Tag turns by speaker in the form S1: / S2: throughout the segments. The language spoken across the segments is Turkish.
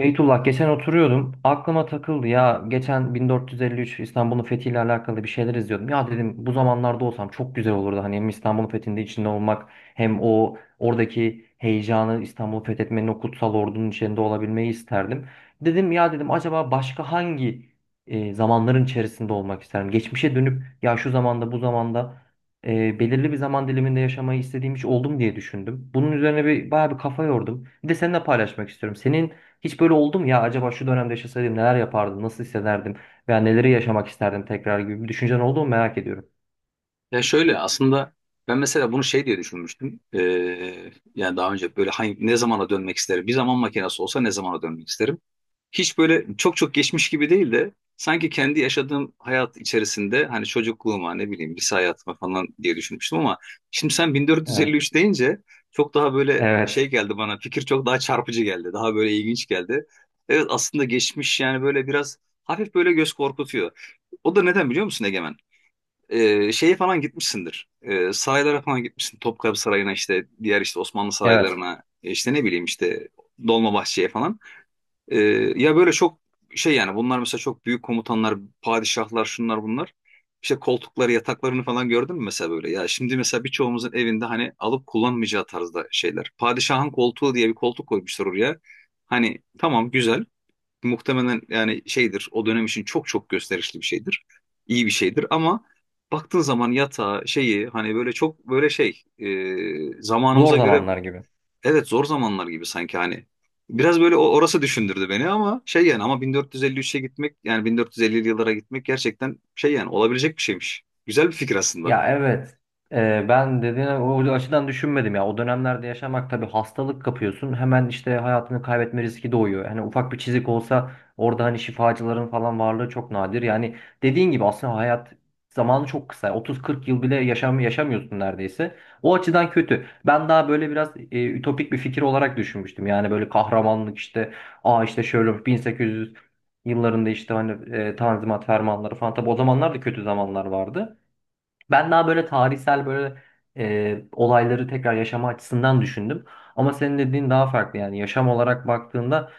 S1: Beytullah geçen oturuyordum. Aklıma takıldı ya. Geçen 1453 İstanbul'un fethiyle alakalı bir şeyler izliyordum. Ya dedim bu zamanlarda olsam çok güzel olurdu. Hani hem İstanbul'un fethinde içinde olmak hem o oradaki heyecanı İstanbul'u fethetmenin o kutsal ordunun içinde olabilmeyi isterdim. Dedim ya dedim acaba başka hangi zamanların içerisinde olmak isterdim? Geçmişe dönüp ya şu zamanda bu zamanda belirli bir zaman diliminde yaşamayı istediğim hiç oldum diye düşündüm. Bunun üzerine bir bayağı bir kafa yordum. Bir de seninle paylaşmak istiyorum. Senin hiç böyle oldum ya acaba şu dönemde yaşasaydım neler yapardım, nasıl hissederdim veya neleri yaşamak isterdim tekrar gibi bir düşüncen oldu mu merak ediyorum.
S2: Ya şöyle aslında ben mesela bunu şey diye düşünmüştüm. Yani daha önce böyle hangi, ne zamana dönmek isterim? Bir zaman makinesi olsa ne zamana dönmek isterim? Hiç böyle çok çok geçmiş gibi değil de sanki kendi yaşadığım hayat içerisinde hani çocukluğuma ne bileyim lise hayatıma falan diye düşünmüştüm ama şimdi sen
S1: Evet.
S2: 1453 deyince çok daha böyle şey
S1: Evet.
S2: geldi bana fikir, çok daha çarpıcı geldi. Daha böyle ilginç geldi. Evet, aslında geçmiş yani böyle biraz hafif böyle göz korkutuyor. O da neden biliyor musun, Egemen? Şeye falan gitmişsindir. Saraylara falan gitmişsin. Topkapı Sarayı'na, işte diğer işte Osmanlı
S1: Evet.
S2: saraylarına, işte ne bileyim, işte Dolmabahçe'ye falan. Ee, Ya böyle çok şey, yani bunlar mesela çok büyük komutanlar, padişahlar, şunlar bunlar. İşte koltukları, yataklarını falan gördün mü mesela böyle? Ya şimdi mesela birçoğumuzun evinde hani alıp kullanmayacağı tarzda şeyler. Padişahın koltuğu diye bir koltuk koymuşlar oraya. Hani tamam, güzel. Muhtemelen yani şeydir, o dönem için çok çok gösterişli bir şeydir. İyi bir şeydir ama baktığın zaman yatağı şeyi, hani böyle çok böyle şey,
S1: Zor
S2: zamanımıza göre,
S1: zamanlar gibi.
S2: evet, zor zamanlar gibi sanki hani. Biraz böyle orası düşündürdü beni ama şey yani, ama 1453'e gitmek, yani 1450'li yıllara gitmek gerçekten şey yani, olabilecek bir şeymiş. Güzel bir fikir aslında.
S1: Ya evet. Ben dediğine o açıdan düşünmedim ya. O dönemlerde yaşamak tabii hastalık kapıyorsun. Hemen işte hayatını kaybetme riski doğuyor. Hani ufak bir çizik olsa orada hani şifacıların falan varlığı çok nadir. Yani dediğin gibi aslında hayat zamanı çok kısa. 30-40 yıl bile yaşam yaşamıyorsun neredeyse. O açıdan kötü. Ben daha böyle biraz ütopik bir fikir olarak düşünmüştüm. Yani böyle kahramanlık işte işte şöyle 1800 yıllarında işte hani Tanzimat fermanları falan. Tabii o zamanlar da kötü zamanlar vardı. Ben daha böyle tarihsel böyle olayları tekrar yaşama açısından düşündüm. Ama senin dediğin daha farklı yani yaşam olarak baktığında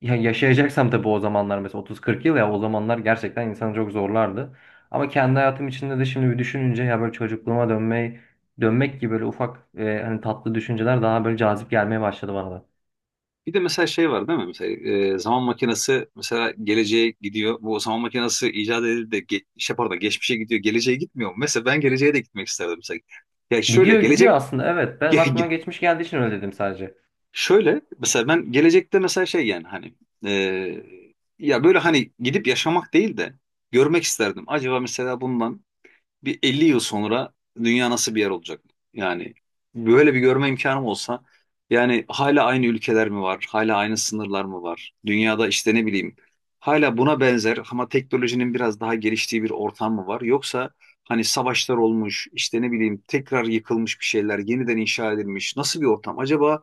S1: ya yaşayacaksam tabii o zamanlar mesela 30-40 yıl ya o zamanlar gerçekten insanı çok zorlardı. Ama kendi hayatım içinde de şimdi bir düşününce ya böyle çocukluğuma dönmek gibi böyle ufak hani tatlı düşünceler daha böyle cazip gelmeye başladı bana da.
S2: Bir de mesela şey var, değil mi? Mesela zaman makinesi mesela geleceğe gidiyor. Bu zaman makinesi icat edildi de şey, pardon, geçmişe gidiyor. Geleceğe gitmiyor mu? Mesela ben geleceğe de gitmek isterdim mesela. Ya şöyle
S1: Gidiyor gidiyor
S2: gelecek.
S1: aslında evet. Benim
S2: ge-
S1: aklıma
S2: ge-
S1: geçmiş geldiği için öyle dedim sadece.
S2: Şöyle mesela, ben gelecekte mesela şey yani hani, e, ya böyle hani gidip yaşamak değil de görmek isterdim. Acaba mesela bundan bir 50 yıl sonra dünya nasıl bir yer olacak? Yani böyle bir görme imkanım olsa, yani hala aynı ülkeler mi var? Hala aynı sınırlar mı var? Dünyada işte ne bileyim, hala buna benzer ama teknolojinin biraz daha geliştiği bir ortam mı var? Yoksa hani savaşlar olmuş, işte ne bileyim, tekrar yıkılmış, bir şeyler yeniden inşa edilmiş, nasıl bir ortam? Acaba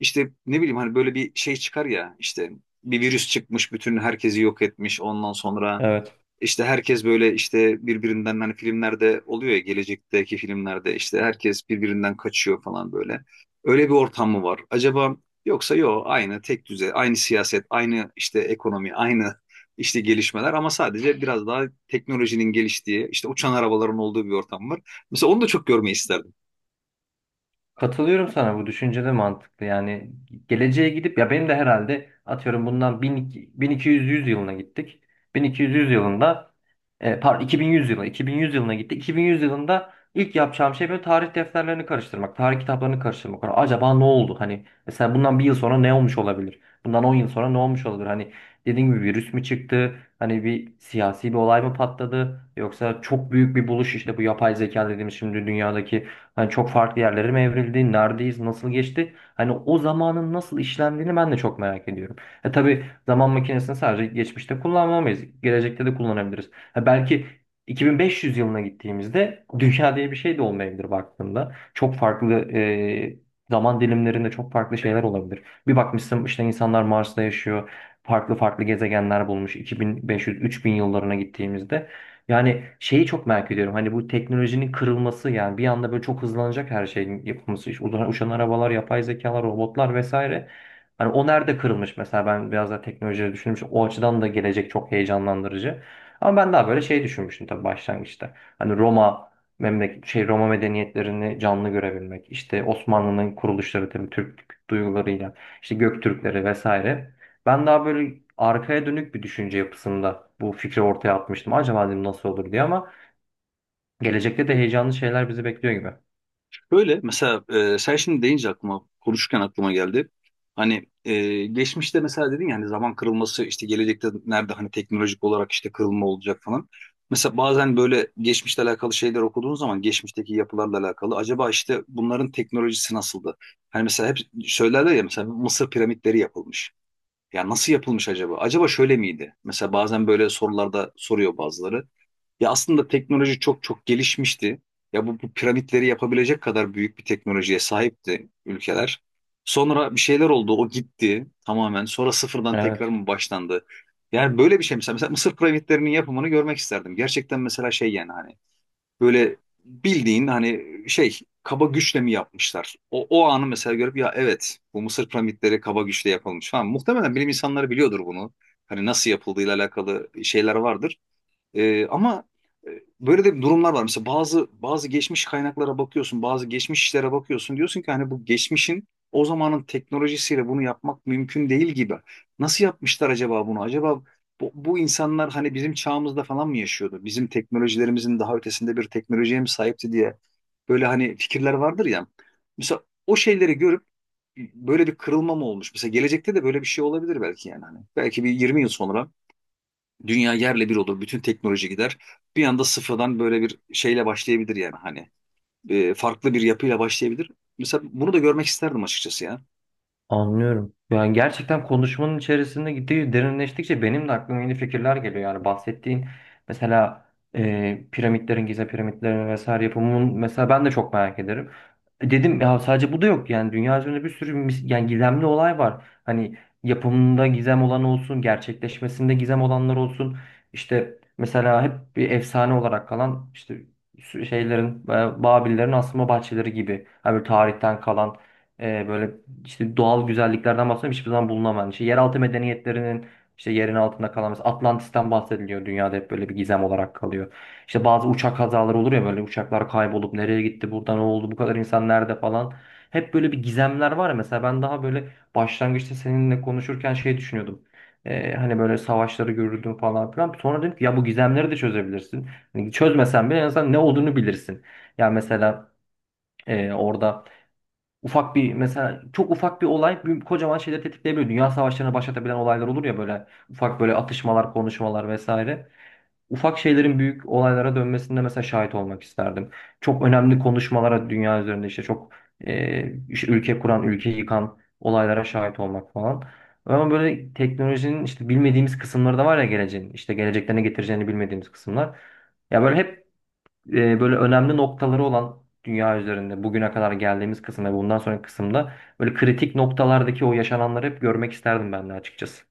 S2: işte ne bileyim, hani böyle bir şey çıkar ya, işte bir virüs çıkmış, bütün herkesi yok etmiş, ondan sonra
S1: Evet.
S2: işte herkes böyle, işte birbirinden, hani filmlerde oluyor ya, gelecekteki filmlerde işte herkes birbirinden kaçıyor falan böyle. Öyle bir ortam mı var? Acaba yoksa yok, aynı tek düze, aynı siyaset, aynı işte ekonomi, aynı işte gelişmeler ama sadece biraz daha teknolojinin geliştiği, işte uçan arabaların olduğu bir ortam var. Mesela onu da çok görmeyi isterdim.
S1: Katılıyorum sana bu düşünce de mantıklı. Yani geleceğe gidip ya benim de herhalde atıyorum bundan 1200 yılına gittik. 1200 yılında e, pardon 2100 yılına 2100 yılına gittik. 2100 yılında ilk yapacağım şey böyle tarih defterlerini karıştırmak, tarih kitaplarını karıştırmak. Yani acaba ne oldu? Hani mesela bundan bir yıl sonra ne olmuş olabilir? Bundan 10 yıl sonra ne olmuş olabilir? Hani dediğim gibi virüs mü çıktı? Hani bir siyasi bir olay mı patladı? Yoksa çok büyük bir buluş işte bu yapay zeka dediğimiz şimdi dünyadaki hani çok farklı yerlere mi evrildi? Neredeyiz? Nasıl geçti? Hani o zamanın nasıl işlendiğini ben de çok merak ediyorum. E tabii zaman makinesini sadece geçmişte kullanmamayız, gelecekte de kullanabiliriz. Ha belki 2500 yılına gittiğimizde dünya diye bir şey de olmayabilir baktığında. Çok farklı zaman dilimlerinde çok farklı şeyler olabilir. Bir bakmışsın işte insanlar Mars'ta yaşıyor. Farklı farklı gezegenler bulmuş. 2500-3000 yıllarına gittiğimizde. Yani şeyi çok merak ediyorum. Hani bu teknolojinin kırılması yani bir anda böyle çok hızlanacak her şeyin yapılması. İşte uçan arabalar, yapay zekalar, robotlar vesaire. Hani o nerede kırılmış mesela ben biraz da teknolojiyi düşünmüşüm. O açıdan da gelecek çok heyecanlandırıcı. Ama ben daha böyle şey düşünmüştüm tabii başlangıçta. Hani Roma memleket şey Roma medeniyetlerini canlı görebilmek. İşte Osmanlı'nın kuruluşları tabii Türk duygularıyla, işte Göktürkleri vesaire. Ben daha böyle arkaya dönük bir düşünce yapısında bu fikri ortaya atmıştım. Acaba dedim nasıl olur diye ama gelecekte de heyecanlı şeyler bizi bekliyor gibi.
S2: Böyle mesela, sen şimdi deyince aklıma, konuşurken aklıma geldi. Hani geçmişte mesela dedin ya, hani zaman kırılması, işte gelecekte nerede hani teknolojik olarak işte kırılma olacak falan. Mesela bazen böyle geçmişle alakalı şeyler okuduğun zaman, geçmişteki yapılarla alakalı, acaba işte bunların teknolojisi nasıldı? Hani mesela hep söylerler ya, mesela Mısır piramitleri yapılmış. Ya nasıl yapılmış acaba? Acaba şöyle miydi? Mesela bazen böyle sorularda soruyor bazıları. Ya aslında teknoloji çok çok gelişmişti. Ya bu piramitleri yapabilecek kadar büyük bir teknolojiye sahipti ülkeler. Sonra bir şeyler oldu, o gitti tamamen. Sonra sıfırdan tekrar
S1: Evet.
S2: mı başlandı? Yani böyle bir şey mesela, Mısır piramitlerinin yapımını görmek isterdim. Gerçekten mesela şey yani hani böyle, bildiğin hani şey, kaba güçle mi yapmışlar? O anı mesela görüp, ya evet, bu Mısır piramitleri kaba güçle yapılmış falan. Muhtemelen bilim insanları biliyordur bunu. Hani nasıl yapıldığıyla alakalı şeyler vardır. Ama e, böyle de durumlar var. Mesela bazı geçmiş kaynaklara bakıyorsun, bazı geçmiş işlere bakıyorsun. Diyorsun ki hani, bu geçmişin, o zamanın teknolojisiyle bunu yapmak mümkün değil gibi. Nasıl yapmışlar acaba bunu? Acaba bu insanlar hani bizim çağımızda falan mı yaşıyordu? Bizim teknolojilerimizin daha ötesinde bir teknolojiye mi sahipti diye böyle hani fikirler vardır ya. Mesela o şeyleri görüp, böyle bir kırılma mı olmuş? Mesela gelecekte de böyle bir şey olabilir belki yani hani. Belki bir 20 yıl sonra dünya yerle bir olur. Bütün teknoloji gider. Bir anda sıfırdan böyle bir şeyle başlayabilir yani hani. Farklı bir yapıyla başlayabilir. Mesela bunu da görmek isterdim açıkçası ya.
S1: Anlıyorum. Yani gerçekten konuşmanın içerisinde gittiği derinleştikçe benim de aklıma yeni fikirler geliyor. Yani bahsettiğin mesela piramitlerin, Gize piramitlerin vesaire yapımının mesela ben de çok merak ederim. Dedim ya sadece bu da yok. Yani dünya üzerinde bir sürü yani gizemli olay var. Hani yapımında gizem olan olsun, gerçekleşmesinde gizem olanlar olsun. İşte mesela hep bir efsane olarak kalan işte şeylerin, Babillerin asma bahçeleri gibi. Hani böyle tarihten kalan e, böyle işte doğal güzelliklerden bahsediyorum hiçbir zaman bulunamayan. İşte yeraltı medeniyetlerinin işte yerin altında kalan mesela Atlantis'ten bahsediliyor dünyada hep böyle bir gizem olarak kalıyor. İşte bazı uçak kazaları olur ya böyle uçaklar kaybolup nereye gitti burada ne oldu bu kadar insan nerede falan. Hep böyle bir gizemler var ya mesela ben daha böyle başlangıçta seninle konuşurken şey düşünüyordum. Hani böyle savaşları görürdüm falan filan. Sonra dedim ki ya bu gizemleri de çözebilirsin. Hani çözmesen bile en azından ne olduğunu bilirsin. Ya mesela orada ufak bir mesela çok ufak bir olay kocaman şeyleri tetikleyebiliyor. Dünya savaşlarını başlatabilen olaylar olur ya böyle ufak böyle atışmalar, konuşmalar vesaire. Ufak şeylerin büyük olaylara dönmesinde mesela şahit olmak isterdim. Çok önemli konuşmalara dünya üzerinde işte çok işte ülke kuran, ülke yıkan olaylara şahit olmak falan. Ama böyle teknolojinin işte bilmediğimiz kısımları da var ya geleceğin. İşte gelecekte ne getireceğini bilmediğimiz kısımlar. Ya böyle hep e, böyle önemli noktaları olan dünya üzerinde bugüne kadar geldiğimiz kısımda ve bundan sonraki kısımda böyle kritik noktalardaki o yaşananları hep görmek isterdim ben de açıkçası.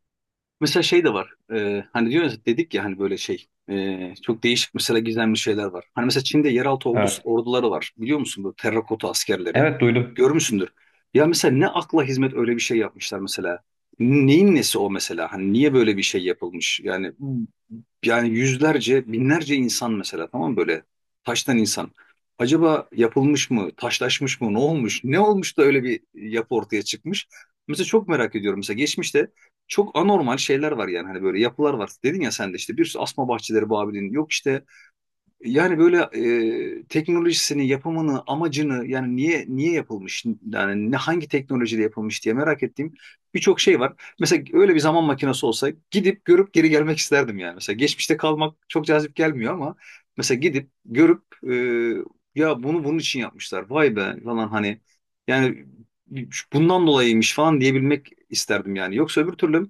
S2: Mesela şey de var. Hani diyoruz, dedik ya hani böyle şey, çok değişik mesela gizemli şeyler var. Hani mesela Çin'de yeraltı ordusu,
S1: Evet.
S2: orduları var. Biliyor musun bu terrakota askerleri?
S1: Evet duydum.
S2: Görmüşsündür. Ya mesela ne akla hizmet öyle bir şey yapmışlar mesela. Neyin nesi o mesela? Hani niye böyle bir şey yapılmış? Yani yüzlerce, binlerce insan mesela, tamam mı? Böyle taştan insan. Acaba yapılmış mı, taşlaşmış mı, ne olmuş, ne olmuş da öyle bir yapı ortaya çıkmış? Mesela çok merak ediyorum. Mesela geçmişte çok anormal şeyler var yani hani, böyle yapılar var. Dedin ya sen de, işte bir sürü, asma bahçeleri Babil'in, yok işte, yani böyle teknolojisini, yapımını, amacını, yani niye niye yapılmış, yani ne, hangi teknolojide yapılmış diye merak ettiğim birçok şey var. Mesela öyle bir zaman makinesi olsa gidip görüp geri gelmek isterdim yani. Mesela geçmişte kalmak çok cazip gelmiyor ama mesela gidip görüp ya bunu bunun için yapmışlar. Vay be falan, hani yani bundan dolayıymış falan diyebilmek isterdim yani. Yoksa öbür türlü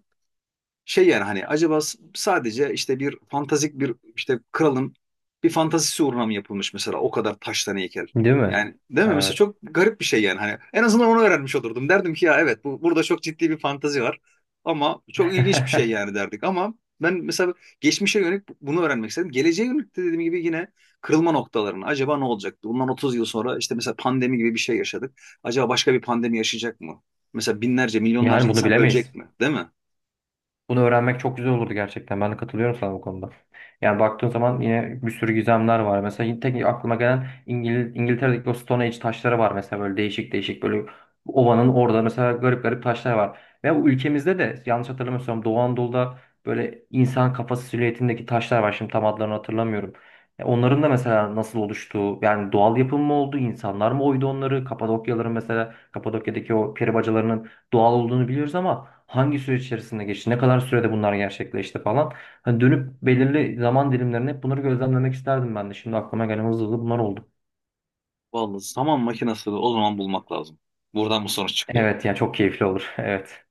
S2: şey yani hani, acaba sadece işte bir fantastik bir, işte kralın bir fantazisi uğruna mı yapılmış mesela o kadar taştan heykel.
S1: Değil mi?
S2: Yani değil mi? Mesela
S1: Evet.
S2: çok garip bir şey yani hani, en azından onu öğrenmiş olurdum. Derdim ki ya evet, bu burada çok ciddi bir fantazi var ama çok ilginç bir şey yani, derdik ama ben mesela geçmişe yönelik bunu öğrenmek istedim. Geleceğe yönelik de, dediğim gibi, yine kırılma noktalarını, acaba ne olacaktı? Bundan 30 yıl sonra işte mesela pandemi gibi bir şey yaşadık. Acaba başka bir pandemi yaşayacak mı? Mesela binlerce, milyonlarca
S1: Yani bunu
S2: insan ölecek
S1: bilemeyiz.
S2: mi? Değil mi?
S1: Bunu öğrenmek çok güzel olurdu gerçekten. Ben de katılıyorum sana bu konuda. Yani baktığın zaman yine bir sürü gizemler var. Mesela yine tek aklıma gelen İngiltere'deki o Stone Age taşları var. Mesela böyle değişik değişik böyle ovanın orada mesela garip garip taşlar var. Ve bu ülkemizde de yanlış hatırlamıyorsam Doğu Anadolu'da böyle insan kafası silüetindeki taşlar var. Şimdi tam adlarını hatırlamıyorum. Ya onların da mesela nasıl oluştuğu, yani doğal yapım mı oldu, insanlar mı oydu onları? Kapadokyaların mesela, Kapadokya'daki o peri bacalarının doğal olduğunu biliyoruz ama hangi süreç içerisinde geçti, ne kadar sürede bunlar gerçekleşti falan. Hani dönüp belirli zaman dilimlerine hep bunları gözlemlemek isterdim ben de. Şimdi aklıma gelen hızlı hızlı bunlar oldu.
S2: Vallahi zaman makinasını o zaman bulmak lazım. Buradan bu sonuç çıkıyor.
S1: Evet yani çok keyifli olur. Evet.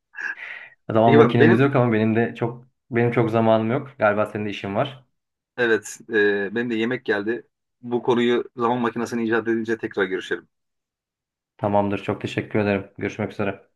S1: Zaman
S2: Peki ben,
S1: makinemiz yok ama benim çok zamanım yok. Galiba senin de işin var.
S2: evet, benim de yemek geldi. Bu konuyu, zaman makinesini icat edince tekrar görüşelim.
S1: Tamamdır. Çok teşekkür ederim. Görüşmek üzere.